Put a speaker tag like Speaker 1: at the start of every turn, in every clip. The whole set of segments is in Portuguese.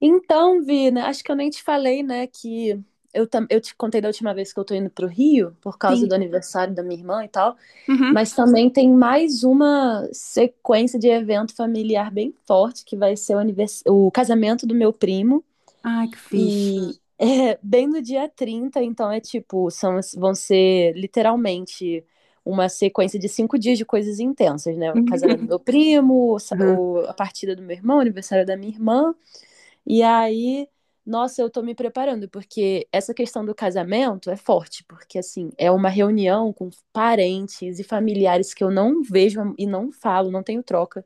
Speaker 1: Então, Vina, acho que eu nem te falei, né, que eu te contei da última vez que eu tô indo pro Rio, por causa
Speaker 2: Sim.
Speaker 1: do aniversário da minha irmã e tal,
Speaker 2: Uhum.
Speaker 1: mas também tem mais uma sequência de evento familiar bem forte, que vai ser o casamento do meu primo,
Speaker 2: Ai, que fixe.
Speaker 1: e é bem no dia 30. Então é tipo, são, vão ser literalmente uma sequência de 5 dias de coisas intensas, né? O casamento do meu primo,
Speaker 2: Uhum.
Speaker 1: a partida do meu irmão, o aniversário da minha irmã, e aí, nossa, eu tô me preparando, porque essa questão do casamento é forte, porque assim, é uma reunião com parentes e familiares que eu não vejo e não falo, não tenho troca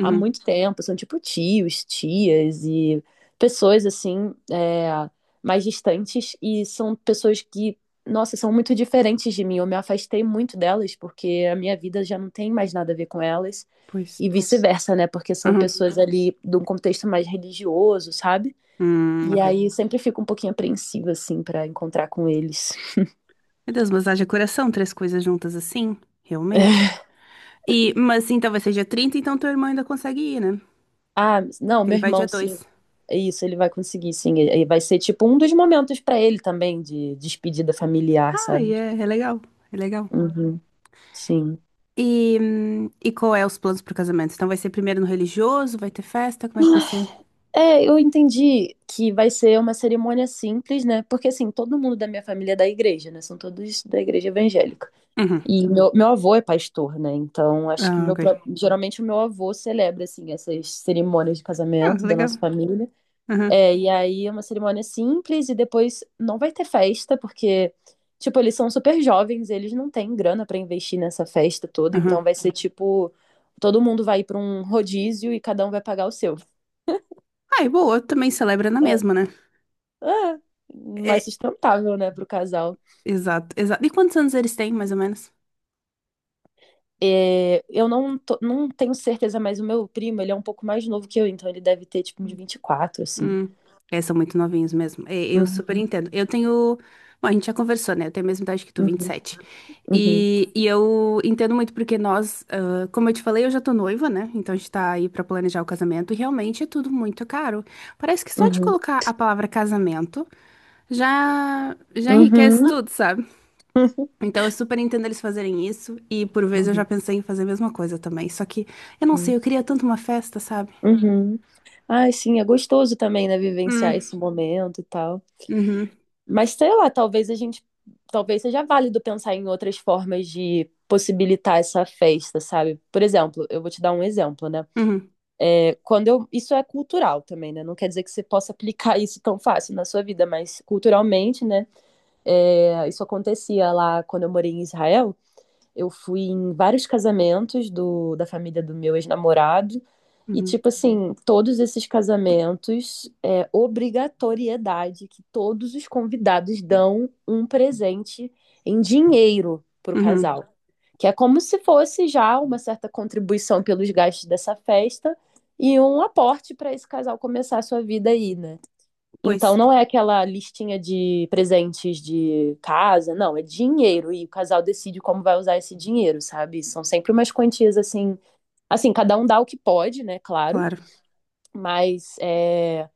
Speaker 1: há muito tempo, são tipo tios, tias e pessoas assim, mais distantes, e são pessoas que, nossa, são muito diferentes de mim. Eu me afastei muito delas porque a minha vida já não tem mais nada a ver com elas,
Speaker 2: Pois.
Speaker 1: e vice-versa, né? Porque são
Speaker 2: Uhum.
Speaker 1: pessoas ali de um contexto mais religioso, sabe? E
Speaker 2: Ok.
Speaker 1: aí sempre fico um pouquinho apreensiva, assim, pra encontrar com eles.
Speaker 2: Meu Deus, mas haja coração, três coisas juntas assim? Realmente? E, mas então vai ser dia 30, então teu irmão ainda consegue ir, né?
Speaker 1: Ah, não,
Speaker 2: Que ele
Speaker 1: meu
Speaker 2: vai dia
Speaker 1: irmão, sim.
Speaker 2: 2.
Speaker 1: Isso, ele vai conseguir, sim. E vai ser tipo um dos momentos pra ele também de despedida familiar,
Speaker 2: Ai,
Speaker 1: sabe?
Speaker 2: é, é legal. É legal.
Speaker 1: Uhum, sim.
Speaker 2: E qual é os planos pro casamento? Então vai ser primeiro no religioso, vai ter festa, como é que vai ser?
Speaker 1: É, eu entendi que vai ser uma cerimônia simples, né? Porque assim, todo mundo da minha família é da igreja, né? São todos da igreja evangélica.
Speaker 2: Uhum.
Speaker 1: E meu avô é pastor, né? Então, acho que
Speaker 2: Ah, ok.
Speaker 1: geralmente o meu avô celebra assim essas cerimônias de
Speaker 2: Ah,
Speaker 1: casamento da nossa
Speaker 2: legal.
Speaker 1: família.
Speaker 2: Uhum.
Speaker 1: É, e aí é uma cerimônia simples e depois não vai ter festa, porque, tipo, eles são super jovens, eles não têm grana pra investir nessa festa toda, então
Speaker 2: Uhum.
Speaker 1: vai ser tipo, todo mundo vai para um rodízio e cada um vai pagar o seu.
Speaker 2: Ai, boa, também celebra na
Speaker 1: É,
Speaker 2: mesma, né?
Speaker 1: é, mais
Speaker 2: É,
Speaker 1: sustentável, né, pro casal.
Speaker 2: exato, exato. E quantos anos eles têm, mais ou menos?
Speaker 1: É, eu não, tô- não tenho certeza, mas o meu primo, ele é um pouco mais novo que eu, então ele deve ter, tipo, uns 24 assim.
Speaker 2: Hum, É, são muito novinhos mesmo. É, eu super
Speaker 1: Uhum,
Speaker 2: entendo. Eu tenho. Bom, a gente já conversou, né? Eu tenho a mesma idade que tu,
Speaker 1: uhum,
Speaker 2: 27.
Speaker 1: uhum,
Speaker 2: E, sete. E eu entendo muito porque nós, ah, como eu te falei, eu já tô noiva, né? Então a gente tá aí pra planejar o casamento e realmente é tudo muito caro. Parece que só de
Speaker 1: uhum,
Speaker 2: colocar a palavra casamento já enriquece
Speaker 1: uhum,
Speaker 2: tudo, sabe? Então eu super entendo eles fazerem isso e por vezes eu já
Speaker 1: uhum,
Speaker 2: pensei em fazer a mesma coisa também. Só que eu não
Speaker 1: uhum,
Speaker 2: sei, eu queria tanto uma festa, sabe?
Speaker 1: uhum. Ai, sim, é gostoso também, né, vivenciar
Speaker 2: Hum,
Speaker 1: esse momento e tal.
Speaker 2: uhum,
Speaker 1: Mas sei lá, talvez seja válido pensar em outras formas de possibilitar essa festa, sabe? Por exemplo, eu vou te dar um exemplo, né?
Speaker 2: uhum,
Speaker 1: É, quando eu, isso é cultural também, né? Não quer dizer que você possa aplicar isso tão fácil na sua vida, mas culturalmente, né? É, isso acontecia lá quando eu morei em Israel. Eu fui em vários casamentos do, da família do meu ex-namorado. E,
Speaker 2: uhum,
Speaker 1: tipo assim, todos esses casamentos é obrigatoriedade que todos os convidados dão um presente em dinheiro pro
Speaker 2: uhum.
Speaker 1: casal. Que é como se fosse já uma certa contribuição pelos gastos dessa festa e um aporte para esse casal começar a sua vida aí, né?
Speaker 2: Pois,
Speaker 1: Então não é aquela listinha de presentes de casa, não, é dinheiro e o casal decide como vai usar esse dinheiro, sabe? São sempre umas quantias assim, cada um dá o que pode, né, claro,
Speaker 2: claro.
Speaker 1: mas é,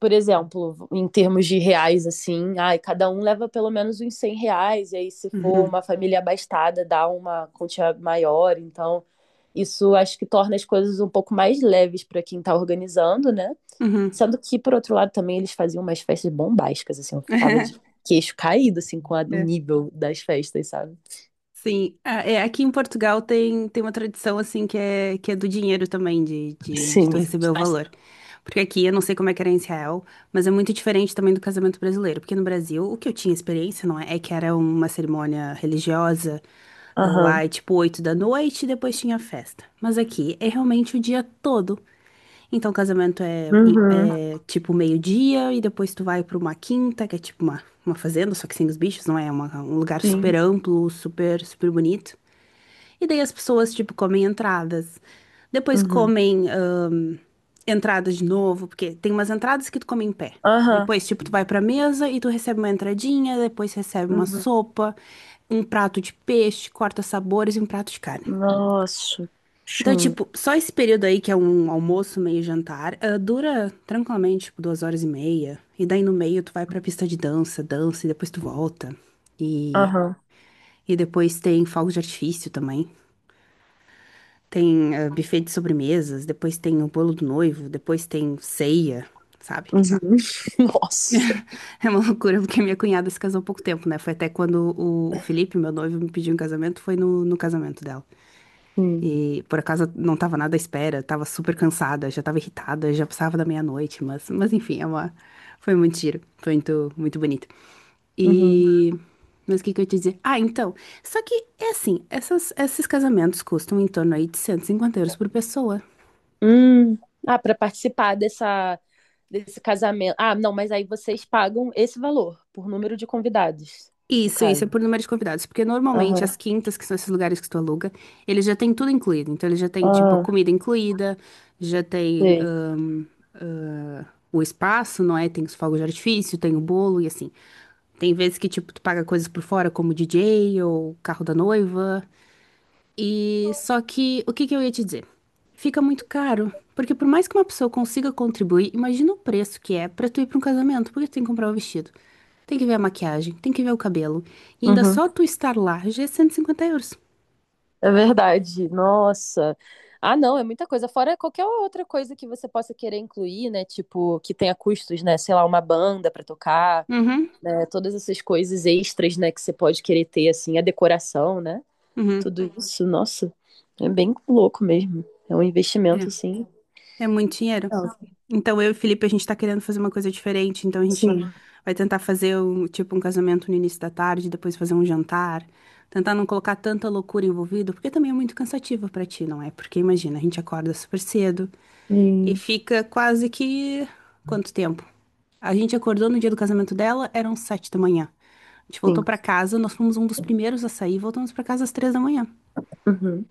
Speaker 1: por exemplo, em termos de reais assim, ai, cada um leva pelo menos uns 100 reais e aí se for
Speaker 2: Uhum,
Speaker 1: uma família abastada dá uma quantia maior, então isso acho que torna as coisas um pouco mais leves para quem está organizando, né?
Speaker 2: uhum.
Speaker 1: Sendo que, por outro lado, também eles faziam umas festas bombásticas, assim, eu ficava de queixo caído, assim, com o
Speaker 2: É.
Speaker 1: nível das festas, sabe?
Speaker 2: Sim, ah, é, aqui em Portugal tem uma tradição assim que é, do dinheiro também, de tu
Speaker 1: Sim.
Speaker 2: receber o valor. Porque aqui, eu não sei como é que era em Israel, mas é muito diferente também do casamento brasileiro. Porque no Brasil, o que eu tinha experiência, não é? É que era uma cerimônia religiosa, ah,
Speaker 1: Aham.
Speaker 2: lá é tipo 8 da noite e depois tinha festa. Mas aqui é realmente o dia todo. Então, o casamento é,
Speaker 1: Uhum.
Speaker 2: é tipo meio-dia e depois tu vai pra uma quinta, que é tipo uma fazenda, só que sem os bichos, não é? É um lugar super
Speaker 1: Sim.
Speaker 2: amplo, super, super bonito. E daí as pessoas, tipo, comem entradas. Depois
Speaker 1: Uhum.
Speaker 2: comem entradas de novo, porque tem umas entradas que tu come em pé.
Speaker 1: Aham.
Speaker 2: Depois, tipo, tu vai pra mesa e tu recebe uma entradinha, depois recebe uma
Speaker 1: Uhum.
Speaker 2: sopa, um prato de peixe, corta sabores e um prato de carne.
Speaker 1: Nossa.
Speaker 2: Então,
Speaker 1: Sim.
Speaker 2: tipo, só esse período aí, que é um almoço, meio jantar, ah, dura tranquilamente, tipo, 2 horas e meia. E daí no meio tu vai pra pista de dança, dança e depois tu volta. E,
Speaker 1: Aham.
Speaker 2: e depois tem fogos de artifício também. Tem ah, buffet de sobremesas, depois tem o bolo do noivo, depois tem ceia, sabe?
Speaker 1: Uhum. Nossa.
Speaker 2: É uma loucura, porque minha cunhada se casou há pouco tempo, né? Foi até quando o Felipe, meu noivo, me pediu em casamento, foi no casamento dela.
Speaker 1: Sim.
Speaker 2: E por acaso não tava nada à espera, tava super cansada, já tava irritada, já passava da meia-noite, mas enfim, foi muito giro, foi muito, muito bonito.
Speaker 1: Uhum.
Speaker 2: E. Mas o que que eu ia te dizer? Ah, então. Só que é assim, esses casamentos custam em torno aí de 150 euros por pessoa.
Speaker 1: Hum. Ah, para participar desse casamento. Ah, não, mas aí vocês pagam esse valor por número de convidados, no
Speaker 2: Isso é
Speaker 1: caso.
Speaker 2: por número de convidados, porque normalmente
Speaker 1: Aham.
Speaker 2: as quintas, que são esses lugares que tu aluga, eles já têm tudo incluído. Então, eles já têm, tipo, a
Speaker 1: Ah,
Speaker 2: comida incluída, já tem
Speaker 1: sei.
Speaker 2: ah, o espaço, não é? Tem os fogos de artifício, tem o bolo e assim. Tem vezes que, tipo, tu paga coisas por fora, como DJ ou carro da noiva. E só que o que que eu ia te dizer? Fica muito caro, porque por mais que uma pessoa consiga contribuir, imagina o preço que é pra tu ir pra um casamento, porque tu tem que comprar o vestido, tem que ver a maquiagem, tem que ver o cabelo, e ainda
Speaker 1: Uhum.
Speaker 2: só tu estar lá já é 150 euros.
Speaker 1: É verdade. Nossa. Ah, não, é muita coisa. Fora qualquer outra coisa que você possa querer incluir, né? Tipo, que tenha custos, né? Sei lá, uma banda pra tocar,
Speaker 2: Uhum,
Speaker 1: é, todas essas coisas extras, né? Que você pode querer ter, assim, a decoração, né?
Speaker 2: uhum.
Speaker 1: Tudo isso, nossa, é bem louco mesmo. É um investimento,
Speaker 2: É,
Speaker 1: assim.
Speaker 2: é muito dinheiro.
Speaker 1: Não,
Speaker 2: Então, eu e o Felipe, a gente tá querendo fazer uma coisa diferente, então a gente
Speaker 1: sim,
Speaker 2: vai tentar fazer um, tipo um casamento no início da tarde, depois fazer um jantar, tentar não colocar tanta loucura envolvida, porque também é muito cansativo pra ti, não é? Porque imagina, a gente acorda super cedo e
Speaker 1: E-
Speaker 2: fica quase que quanto tempo? A gente acordou no dia do casamento dela, eram 7 da manhã. A gente voltou
Speaker 1: sim.
Speaker 2: pra casa, nós fomos um dos primeiros a sair, voltamos pra casa às 3 da manhã.
Speaker 1: Uhum,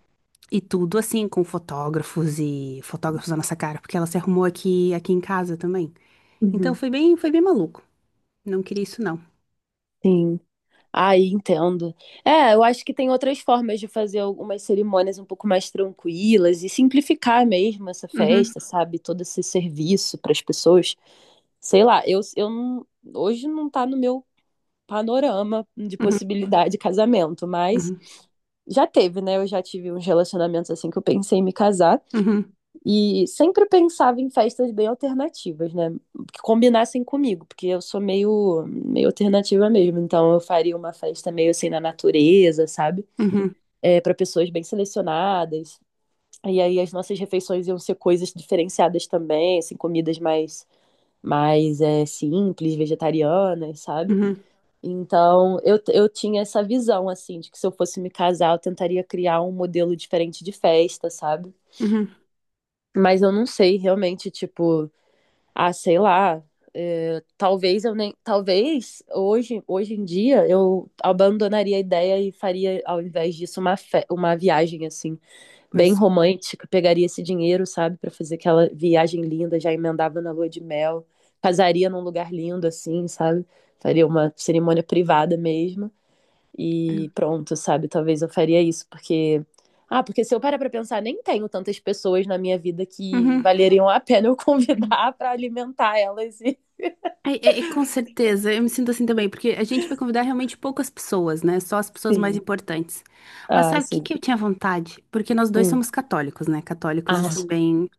Speaker 2: E tudo assim, com fotógrafos e fotógrafos na nossa cara, porque ela se arrumou aqui, aqui em casa também. Então
Speaker 1: uhum,
Speaker 2: foi bem maluco. Não queria isso, não.
Speaker 1: sim. Ah, entendo. É, eu acho que tem outras formas de fazer algumas cerimônias um pouco mais tranquilas e simplificar mesmo essa
Speaker 2: Uhum,
Speaker 1: festa, sabe? Todo esse serviço para as pessoas. Sei lá, eu não, hoje não tá no meu panorama de
Speaker 2: uhum,
Speaker 1: possibilidade de casamento, mas
Speaker 2: uhum,
Speaker 1: já teve, né? Eu já tive uns relacionamentos assim que eu pensei em me casar.
Speaker 2: uhum,
Speaker 1: E sempre pensava em festas bem alternativas, né? Que combinassem comigo, porque eu sou meio alternativa mesmo. Então eu faria uma festa meio assim na natureza, sabe?
Speaker 2: uhum,
Speaker 1: É, para pessoas bem selecionadas. E aí as nossas refeições iam ser coisas diferenciadas também, assim, comidas mais, é, simples, vegetarianas, sabe?
Speaker 2: uhum,
Speaker 1: Então eu tinha essa visão, assim, de que se eu fosse me casar, eu tentaria criar um modelo diferente de festa, sabe?
Speaker 2: uhum.
Speaker 1: Mas eu não sei realmente, tipo. Ah, sei lá. Eh, talvez eu nem. Talvez hoje em dia eu abandonaria a ideia e faria, ao invés disso, uma viagem assim,
Speaker 2: Pois.
Speaker 1: bem romântica. Pegaria esse dinheiro, sabe, para fazer aquela viagem linda, já emendava na lua de mel, casaria num lugar lindo, assim, sabe? Faria uma cerimônia privada mesmo. E
Speaker 2: É.
Speaker 1: pronto, sabe? Talvez eu faria isso, porque. Ah, porque se eu parar pra pensar, nem tenho tantas pessoas na minha vida que
Speaker 2: Uhum.
Speaker 1: valeriam a pena eu convidar pra alimentar elas. E...
Speaker 2: É, com certeza, eu me sinto assim também, porque a gente vai convidar realmente poucas pessoas, né? Só as pessoas mais
Speaker 1: Sim.
Speaker 2: importantes. Mas
Speaker 1: Ah,
Speaker 2: sabe o que
Speaker 1: sim.
Speaker 2: que eu tinha vontade? Porque nós dois
Speaker 1: Hum.
Speaker 2: somos católicos, né? Católicos,
Speaker 1: Ah,
Speaker 2: assim, bem.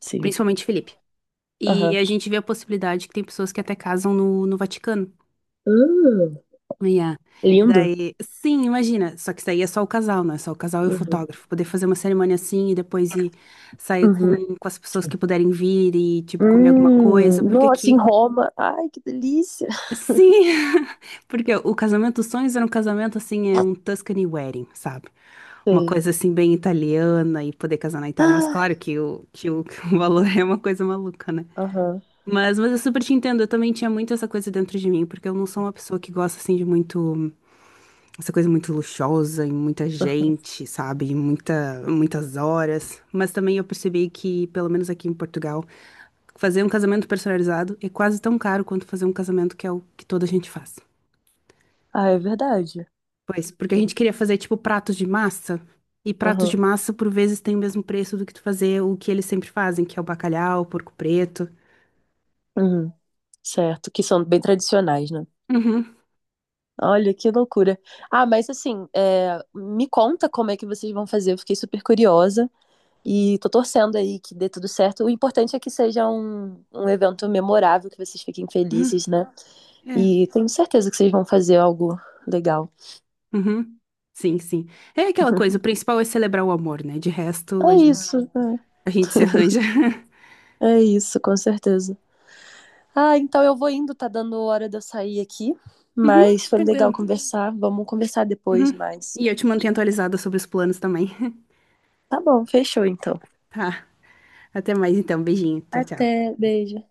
Speaker 1: sim.
Speaker 2: Principalmente Felipe. E
Speaker 1: Aham.
Speaker 2: a gente vê a possibilidade que tem pessoas que até casam no Vaticano.
Speaker 1: Hum,
Speaker 2: Yeah. E
Speaker 1: lindo.
Speaker 2: daí, sim, imagina, só que isso aí é só o casal, não é só o casal e o
Speaker 1: Uhum.
Speaker 2: fotógrafo. Poder fazer uma cerimônia assim e depois ir sair com,
Speaker 1: Uhum.
Speaker 2: com as pessoas que puderem vir e, tipo, comer alguma coisa, porque
Speaker 1: Nossa, em
Speaker 2: aqui,
Speaker 1: Roma. Ai, que delícia.
Speaker 2: sim, porque o casamento dos sonhos era um casamento, assim, é um Tuscany wedding, sabe? Uma
Speaker 1: Sei.
Speaker 2: coisa, assim, bem italiana e poder casar na Itália, mas
Speaker 1: Ah,
Speaker 2: claro que o, que o valor é uma coisa maluca, né?
Speaker 1: aham.
Speaker 2: Mas eu super te entendo, eu também tinha muito essa coisa dentro de mim, porque eu não sou uma pessoa que gosta, assim, de muito essa coisa muito luxuosa e muita gente, sabe? E muitas horas. Mas também eu percebi que, pelo menos aqui em Portugal, fazer um casamento personalizado é quase tão caro quanto fazer um casamento que é o que toda a gente faz.
Speaker 1: Ah, é verdade.
Speaker 2: Pois, porque a gente queria fazer tipo pratos de massa. E pratos de
Speaker 1: Aham.
Speaker 2: massa, por vezes, tem o mesmo preço do que tu fazer o que eles sempre fazem, que é o bacalhau, o porco preto.
Speaker 1: Uhum. Certo, que são bem tradicionais, né?
Speaker 2: Uhum,
Speaker 1: Olha, que loucura. Ah, mas assim, é, me conta como é que vocês vão fazer. Eu fiquei super curiosa e tô torcendo aí que dê tudo certo. O importante é que seja um evento memorável, que vocês fiquem
Speaker 2: uhum,
Speaker 1: felizes, né?
Speaker 2: é,
Speaker 1: E tenho certeza que vocês vão fazer algo legal.
Speaker 2: uhum. Sim, sim. É aquela coisa, o principal é celebrar o amor, né? De resto,
Speaker 1: É
Speaker 2: a gente,
Speaker 1: isso,
Speaker 2: a gente se arranja.
Speaker 1: é isso, com certeza. Ah, então eu vou indo, tá dando hora de eu sair aqui, mas foi legal
Speaker 2: Tranquilo.
Speaker 1: conversar. Vamos conversar depois
Speaker 2: Uhum.
Speaker 1: mais.
Speaker 2: E eu te mantenho atualizada sobre os planos também.
Speaker 1: Tá bom, fechou então.
Speaker 2: Tá. Até mais então. Beijinho. Tchau, tchau.
Speaker 1: Até, beijo.